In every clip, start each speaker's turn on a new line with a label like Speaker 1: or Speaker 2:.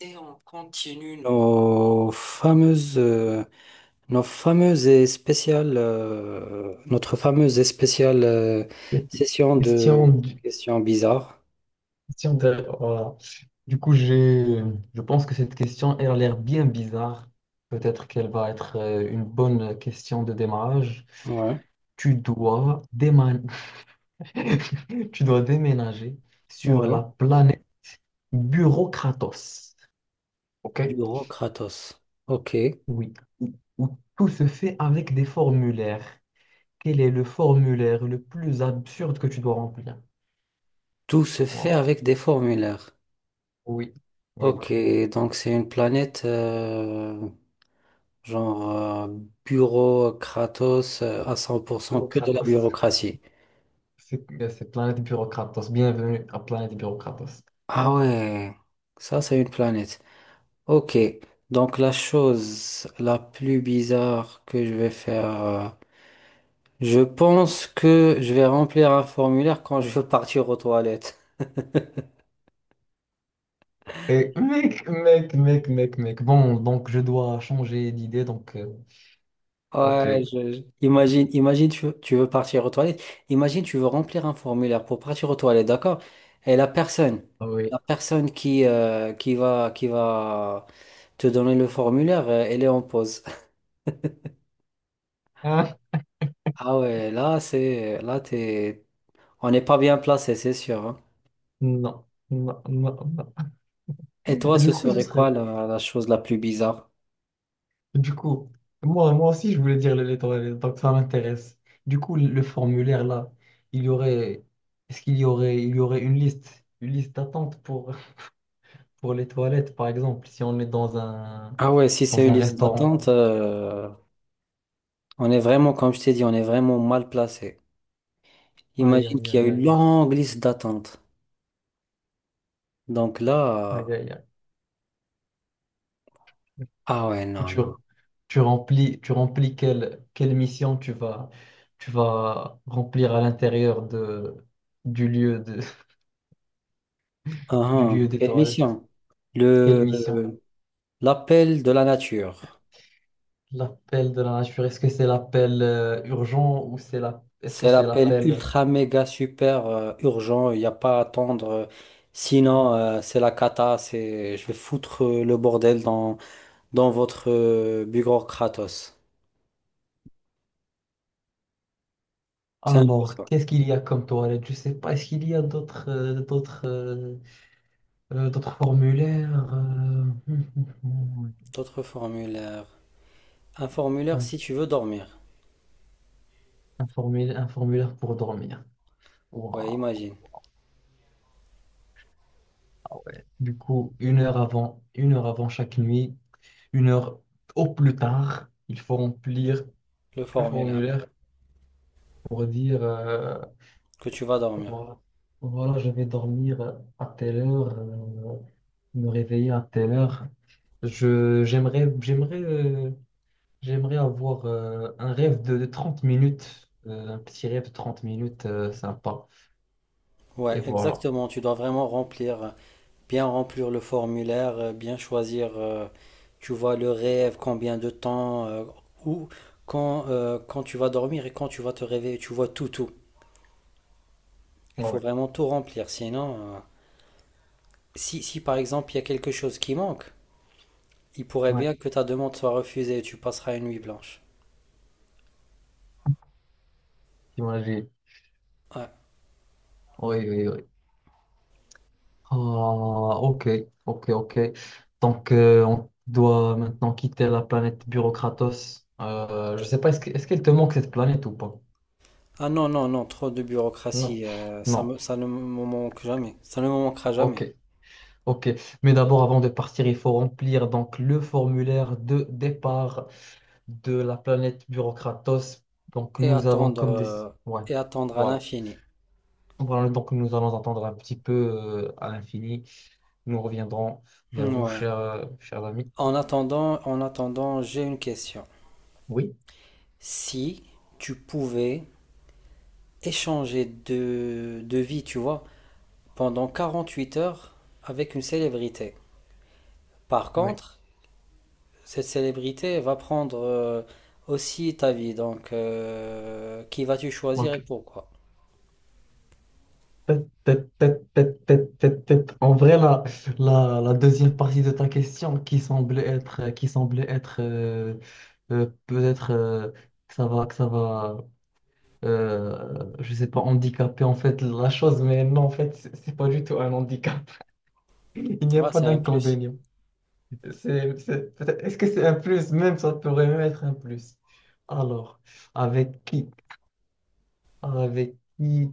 Speaker 1: Et on continue nos fameuses et spéciales, notre fameuse et spéciale session de
Speaker 2: Question, du-
Speaker 1: questions bizarres.
Speaker 2: question de, voilà. Du coup, je pense que cette question, elle a l'air bien bizarre. Peut-être qu'elle va être une bonne question de démarrage.
Speaker 1: Ouais,
Speaker 2: Tu dois déman- tu dois déménager sur
Speaker 1: ouais.
Speaker 2: la planète Bureaucratos. OK?
Speaker 1: Bureau Kratos. Ok.
Speaker 2: Oui. Où tout se fait avec des formulaires. Quel est le formulaire le plus absurde que tu dois remplir?
Speaker 1: Tout se fait
Speaker 2: Wow.
Speaker 1: avec des formulaires.
Speaker 2: Oui. Oui.
Speaker 1: Ok, donc c'est une planète genre bureau Kratos à 100% que de la
Speaker 2: Bureaucratos.
Speaker 1: bureaucratie.
Speaker 2: C'est Planète Bureaucratos. Bienvenue à Planète Bureaucratos.
Speaker 1: Ah ouais, ça c'est une planète. Ok, donc la chose la plus bizarre que je vais faire, je pense que je vais remplir un formulaire quand je veux partir aux toilettes.
Speaker 2: Et mec, mec, mec, mec, mec! Bon, donc je dois changer d'idée, donc ok.
Speaker 1: Ouais, imagine tu veux partir aux toilettes, imagine tu veux remplir un formulaire pour partir aux toilettes, d'accord? Et la personne,
Speaker 2: Ah oui.
Speaker 1: la personne qui va te donner le formulaire, elle est en pause.
Speaker 2: Hein?
Speaker 1: Ah ouais, là t'es, on n'est pas bien placé, c'est sûr, hein.
Speaker 2: Non, non, non, non.
Speaker 1: Et
Speaker 2: Et
Speaker 1: toi,
Speaker 2: du
Speaker 1: ce
Speaker 2: coup, ce
Speaker 1: serait
Speaker 2: serait.
Speaker 1: quoi la chose la plus bizarre?
Speaker 2: Du coup, moi aussi, je voulais dire les lettres, donc ça m'intéresse. Du coup, le formulaire, là, il y aurait... Est-ce qu'il y aurait... Il y aurait une liste d'attente pour les toilettes, par exemple, si on est dans un,
Speaker 1: Ah ouais, si c'est
Speaker 2: dans
Speaker 1: une
Speaker 2: un
Speaker 1: liste
Speaker 2: restaurant.
Speaker 1: d'attente, on est vraiment, comme je t'ai dit, on est vraiment mal placé.
Speaker 2: Aïe,
Speaker 1: Imagine
Speaker 2: aïe,
Speaker 1: qu'il y a
Speaker 2: aïe,
Speaker 1: une
Speaker 2: aïe!
Speaker 1: longue liste d'attente. Donc là,
Speaker 2: Aïe, aïe, aïe!
Speaker 1: ah ouais,
Speaker 2: Et
Speaker 1: non,
Speaker 2: tu,
Speaker 1: non.
Speaker 2: tu remplis, tu remplis quelle mission tu vas remplir à l'intérieur de, du lieu de,
Speaker 1: Ah,
Speaker 2: du
Speaker 1: ah,
Speaker 2: lieu des
Speaker 1: quelle
Speaker 2: toilettes.
Speaker 1: mission?
Speaker 2: Quelle mission?
Speaker 1: Le, l'appel de la nature.
Speaker 2: L'appel de la nature, est-ce que c'est l'appel urgent ou est-ce que
Speaker 1: C'est
Speaker 2: c'est
Speaker 1: l'appel
Speaker 2: l'appel.
Speaker 1: ultra, méga, super, urgent. Il n'y a pas à attendre. Sinon, c'est la cata. C'est, je vais foutre le bordel dans votre bureau Kratos. C'est un peu
Speaker 2: Alors,
Speaker 1: ça.
Speaker 2: qu'est-ce qu'il y a comme toilette? Je sais pas, est-ce qu'il y a d'autres formulaires?
Speaker 1: D'autres formulaires. Un formulaire
Speaker 2: Un,
Speaker 1: si tu veux dormir.
Speaker 2: un formulaire pour dormir.
Speaker 1: Ouais,
Speaker 2: Waouh.
Speaker 1: imagine.
Speaker 2: Du coup, une heure avant chaque nuit, une heure au plus tard, il faut remplir
Speaker 1: Le
Speaker 2: le
Speaker 1: formulaire
Speaker 2: formulaire pour dire
Speaker 1: que tu vas dormir.
Speaker 2: voilà, voilà, je vais dormir à telle heure, me réveiller à telle heure. Je, j'aimerais, j'aimerais, euh, j'aimerais avoir un rêve de 30 minutes, un petit rêve de 30 minutes sympa.
Speaker 1: Ouais,
Speaker 2: Et voilà.
Speaker 1: exactement. Tu dois vraiment remplir, bien remplir le formulaire, bien choisir, tu vois, le rêve, combien de temps, où, quand tu vas dormir et quand tu vas te réveiller. Tu vois tout, tout. Il faut
Speaker 2: Ouais,
Speaker 1: vraiment tout remplir. Sinon, si par exemple il y a quelque chose qui manque, il pourrait
Speaker 2: ouais,
Speaker 1: bien que ta demande soit refusée et tu passeras une nuit blanche.
Speaker 2: t'imagines.
Speaker 1: Ouais.
Speaker 2: Oui, oui, oui. Ah, ok, ok, ok. Donc, on doit maintenant quitter la planète Bureaucratos. Je sais pas, est-ce qu'elle te manque cette planète ou pas?
Speaker 1: Ah non, non, non, trop de
Speaker 2: Non,
Speaker 1: bureaucratie,
Speaker 2: non.
Speaker 1: ça ne me manque jamais, ça ne me manquera
Speaker 2: Ok,
Speaker 1: jamais.
Speaker 2: ok. Mais d'abord, avant de partir, il faut remplir donc le formulaire de départ de la planète Bureaucratos. Donc,
Speaker 1: Et
Speaker 2: nous avons
Speaker 1: attendre,
Speaker 2: comme des.
Speaker 1: euh,
Speaker 2: Ouais,
Speaker 1: et attendre à
Speaker 2: voilà.
Speaker 1: l'infini.
Speaker 2: Voilà, donc nous allons attendre un petit peu à l'infini. Nous reviendrons vers vous,
Speaker 1: Ouais.
Speaker 2: chers amis.
Speaker 1: En attendant, j'ai une question.
Speaker 2: Oui,
Speaker 1: Si tu pouvais échanger de vie, tu vois, pendant 48 heures avec une célébrité. Par
Speaker 2: oui.
Speaker 1: contre, cette célébrité va prendre aussi ta vie, donc qui vas-tu choisir et
Speaker 2: Ok.
Speaker 1: pourquoi?
Speaker 2: Tête, tête, tête, tête, tête, tête, tête! En vrai, la deuxième partie de ta question qui semblait être peut-être que ça va je sais pas, handicaper en fait la chose, mais non, en fait, c'est pas du tout un handicap. Il n'y a
Speaker 1: Ah,
Speaker 2: pas
Speaker 1: c'est un plus.
Speaker 2: d'inconvénient. Est-ce que c'est un plus? Même ça pourrait même être un plus. Alors, avec qui? Avec qui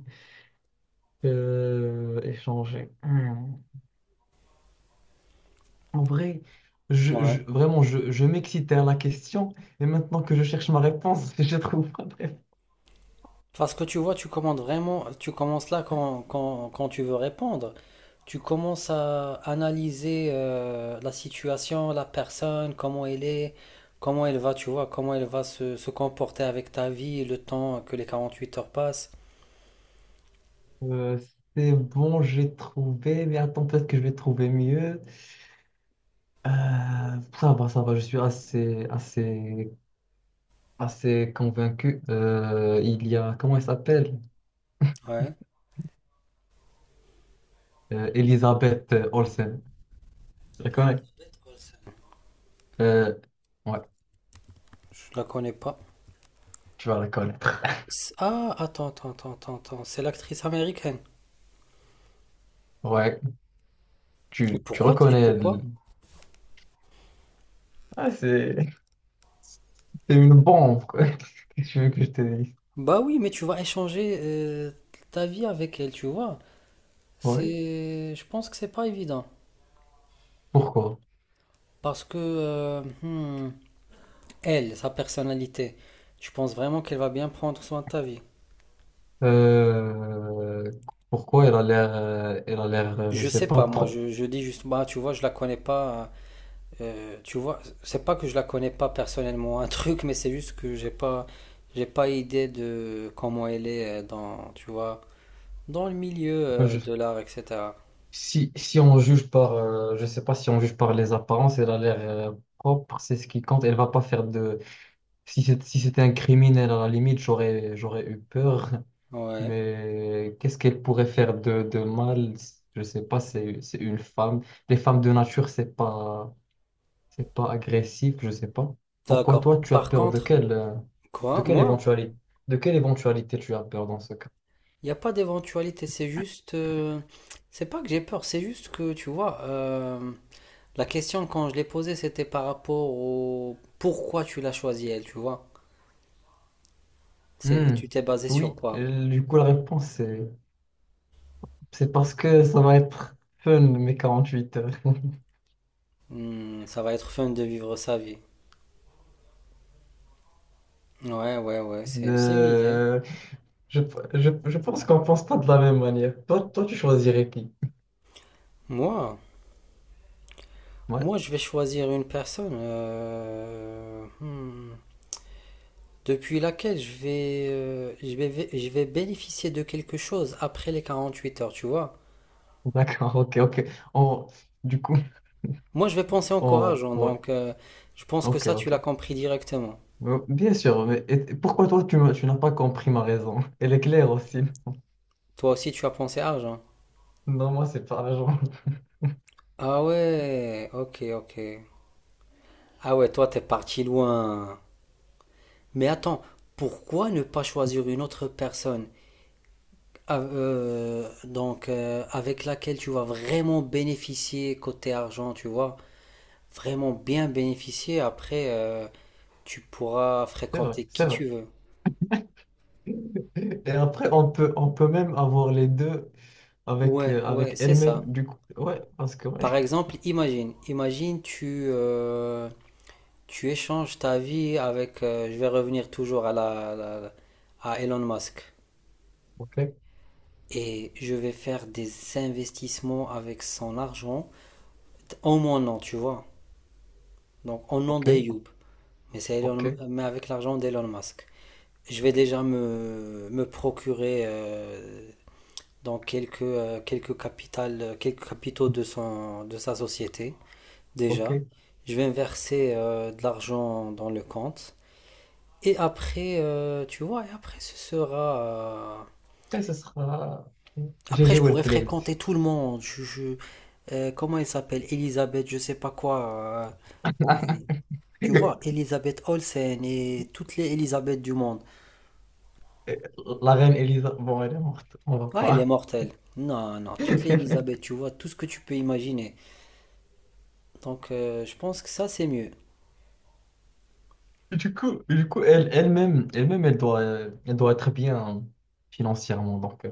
Speaker 2: échanger? Hmm. En vrai,
Speaker 1: Ouais.
Speaker 2: vraiment, je m'excitais à la question, et maintenant que je cherche ma réponse, je trouve pas de.
Speaker 1: Parce que tu vois, tu commandes vraiment, tu commences là quand tu veux répondre. Tu commences à analyser la situation, la personne, comment elle est, comment elle va, tu vois, comment elle va se comporter avec ta vie, le temps que les 48 heures passent.
Speaker 2: Euh, c'est bon, j'ai trouvé, mais attends, peut-être que je vais trouver mieux. Euh, ça va, je suis assez, assez, assez convaincu. Il y a, comment elle s'appelle?
Speaker 1: Ouais,
Speaker 2: Elisabeth Olsen. Je la connais. Euh, ouais,
Speaker 1: je la connais pas.
Speaker 2: tu vas la connaître.
Speaker 1: Ah, attends, attends, attends, attends, attends, c'est l'actrice américaine.
Speaker 2: Ouais,
Speaker 1: Et
Speaker 2: tu
Speaker 1: pourquoi? Et
Speaker 2: reconnais.
Speaker 1: pourquoi?
Speaker 2: Ah, c'est c'est une bombe, quoi. Qu'est-ce que tu veux que je te dise?
Speaker 1: Bah oui, mais tu vas échanger ta vie avec elle, tu vois.
Speaker 2: Ouais.
Speaker 1: Je pense que c'est pas évident.
Speaker 2: Pourquoi?
Speaker 1: Parce que elle, sa personnalité, je pense vraiment qu'elle va bien prendre soin de ta vie.
Speaker 2: Euh, Pourquoi elle a l'air, je
Speaker 1: Je
Speaker 2: sais
Speaker 1: sais
Speaker 2: pas,
Speaker 1: pas, moi,
Speaker 2: pro-
Speaker 1: je dis juste, bah, tu vois, je la connais pas. Tu vois, c'est pas que je la connais pas personnellement, un truc, mais c'est juste que j'ai pas idée de comment elle est tu vois, dans le milieu
Speaker 2: moi, je-
Speaker 1: de l'art, etc.
Speaker 2: si, si on juge je sais pas si on juge par les apparences, elle a l'air propre, c'est ce qui compte. Elle va pas faire de. Si c'était un criminel à la limite, j'aurais eu peur.
Speaker 1: Ouais,
Speaker 2: Mais qu'est-ce qu'elle pourrait faire de mal? Je sais pas, c'est une femme. Les femmes de nature, c'est pas. C'est pas agressif, je sais pas. Pourquoi
Speaker 1: d'accord.
Speaker 2: toi, tu as
Speaker 1: Par
Speaker 2: peur
Speaker 1: contre,
Speaker 2: de
Speaker 1: quoi,
Speaker 2: quelle
Speaker 1: moi,
Speaker 2: éventualité, de quelle éventualité tu as peur dans ce cas?
Speaker 1: il n'y a pas d'éventualité, c'est pas que j'ai peur, c'est juste que, tu vois, la question, quand je l'ai posée, c'était par rapport au pourquoi tu l'as choisi, elle, tu vois. C'est,
Speaker 2: Hmm.
Speaker 1: tu t'es basé sur
Speaker 2: Oui,
Speaker 1: quoi?
Speaker 2: du coup, la réponse, c'est parce que ça va être fun, mes 48 heures.
Speaker 1: Hmm, ça va être fun de vivre sa vie. Ouais, ouais, ouais, c'est une idée.
Speaker 2: Euh, je, je pense qu'on pense pas de la même manière. Toi, toi, tu choisirais qui?
Speaker 1: Moi,
Speaker 2: Ouais,
Speaker 1: moi, je vais choisir une personne depuis laquelle je vais bénéficier de quelque chose après les 48 heures, tu vois.
Speaker 2: d'accord, ok, ok. On- du coup,
Speaker 1: Moi, je vais penser encore argent,
Speaker 2: ouais,
Speaker 1: donc je pense que
Speaker 2: ok,
Speaker 1: ça, tu
Speaker 2: ok.
Speaker 1: l'as compris directement.
Speaker 2: Bien sûr, mais et pourquoi toi, tu n'as pas compris ma raison? Elle est claire aussi.
Speaker 1: Toi aussi, tu as pensé argent.
Speaker 2: Non, moi, c'est par la jambe.
Speaker 1: Ah ouais, ok, ok. Ah ouais, toi, t'es parti loin. Mais attends, pourquoi ne pas choisir une autre personne avec laquelle tu vas vraiment bénéficier côté argent, tu vois? Vraiment bien bénéficier. Après, tu pourras
Speaker 2: C'est vrai,
Speaker 1: fréquenter
Speaker 2: c'est
Speaker 1: qui
Speaker 2: vrai.
Speaker 1: tu veux.
Speaker 2: Et après, on peut même avoir les deux avec,
Speaker 1: Ouais,
Speaker 2: euh,
Speaker 1: ouais,
Speaker 2: avec
Speaker 1: c'est
Speaker 2: elle-même,
Speaker 1: ça.
Speaker 2: du coup. Ouais, parce que, ouais.
Speaker 1: Par exemple, imagine tu échanges ta vie avec, je vais revenir toujours à la, la- la- à Elon Musk.
Speaker 2: Ok,
Speaker 1: Et je vais faire des investissements avec son argent en mon nom, tu vois. Donc en nom
Speaker 2: ok,
Speaker 1: d'Ayoub, mais, c'est
Speaker 2: ok,
Speaker 1: mais avec l'argent d'Elon Musk. Je vais
Speaker 2: ok,
Speaker 1: déjà me procurer dans quelques capitaux de sa société,
Speaker 2: ok.
Speaker 1: déjà.
Speaker 2: Et
Speaker 1: Je vais verser de l'argent dans le compte. Et après ce sera.
Speaker 2: ce sera
Speaker 1: Après,
Speaker 2: GG
Speaker 1: je pourrais
Speaker 2: Wellplate.
Speaker 1: fréquenter tout le monde. Comment elle s'appelle? Elisabeth, je sais pas quoi. euh, euh, tu vois, Elisabeth Olsen et toutes les Elisabeth du monde.
Speaker 2: La reine Elisa, bon, elle est morte, on va
Speaker 1: Ah, elle est
Speaker 2: pas.
Speaker 1: mortelle. Non, non, toutes les Elisabeth, tu vois, tout ce que tu peux imaginer. Donc, je pense que ça, c'est mieux.
Speaker 2: Du coup, elle-même, elle doit être bien financièrement. Donc, euh,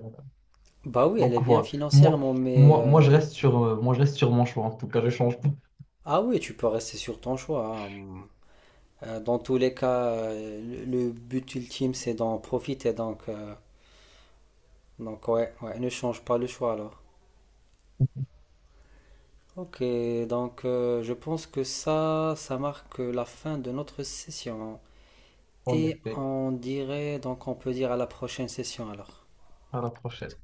Speaker 1: Bah oui, elle est
Speaker 2: donc
Speaker 1: bien
Speaker 2: voilà. Moi,
Speaker 1: financièrement, mais...
Speaker 2: moi, moi, je
Speaker 1: euh,
Speaker 2: reste sur, euh, moi, je reste sur mon choix. En tout cas, je change pas.
Speaker 1: Ah oui, tu peux rester sur ton choix, hein. Dans tous les cas, le but ultime, c'est d'en profiter. Donc ouais, ouais, ne change pas le choix alors. Ok, donc je pense que ça marque la fin de notre session.
Speaker 2: En
Speaker 1: Et
Speaker 2: effet.
Speaker 1: on dirait, donc on peut dire à la prochaine session alors.
Speaker 2: À la prochaine.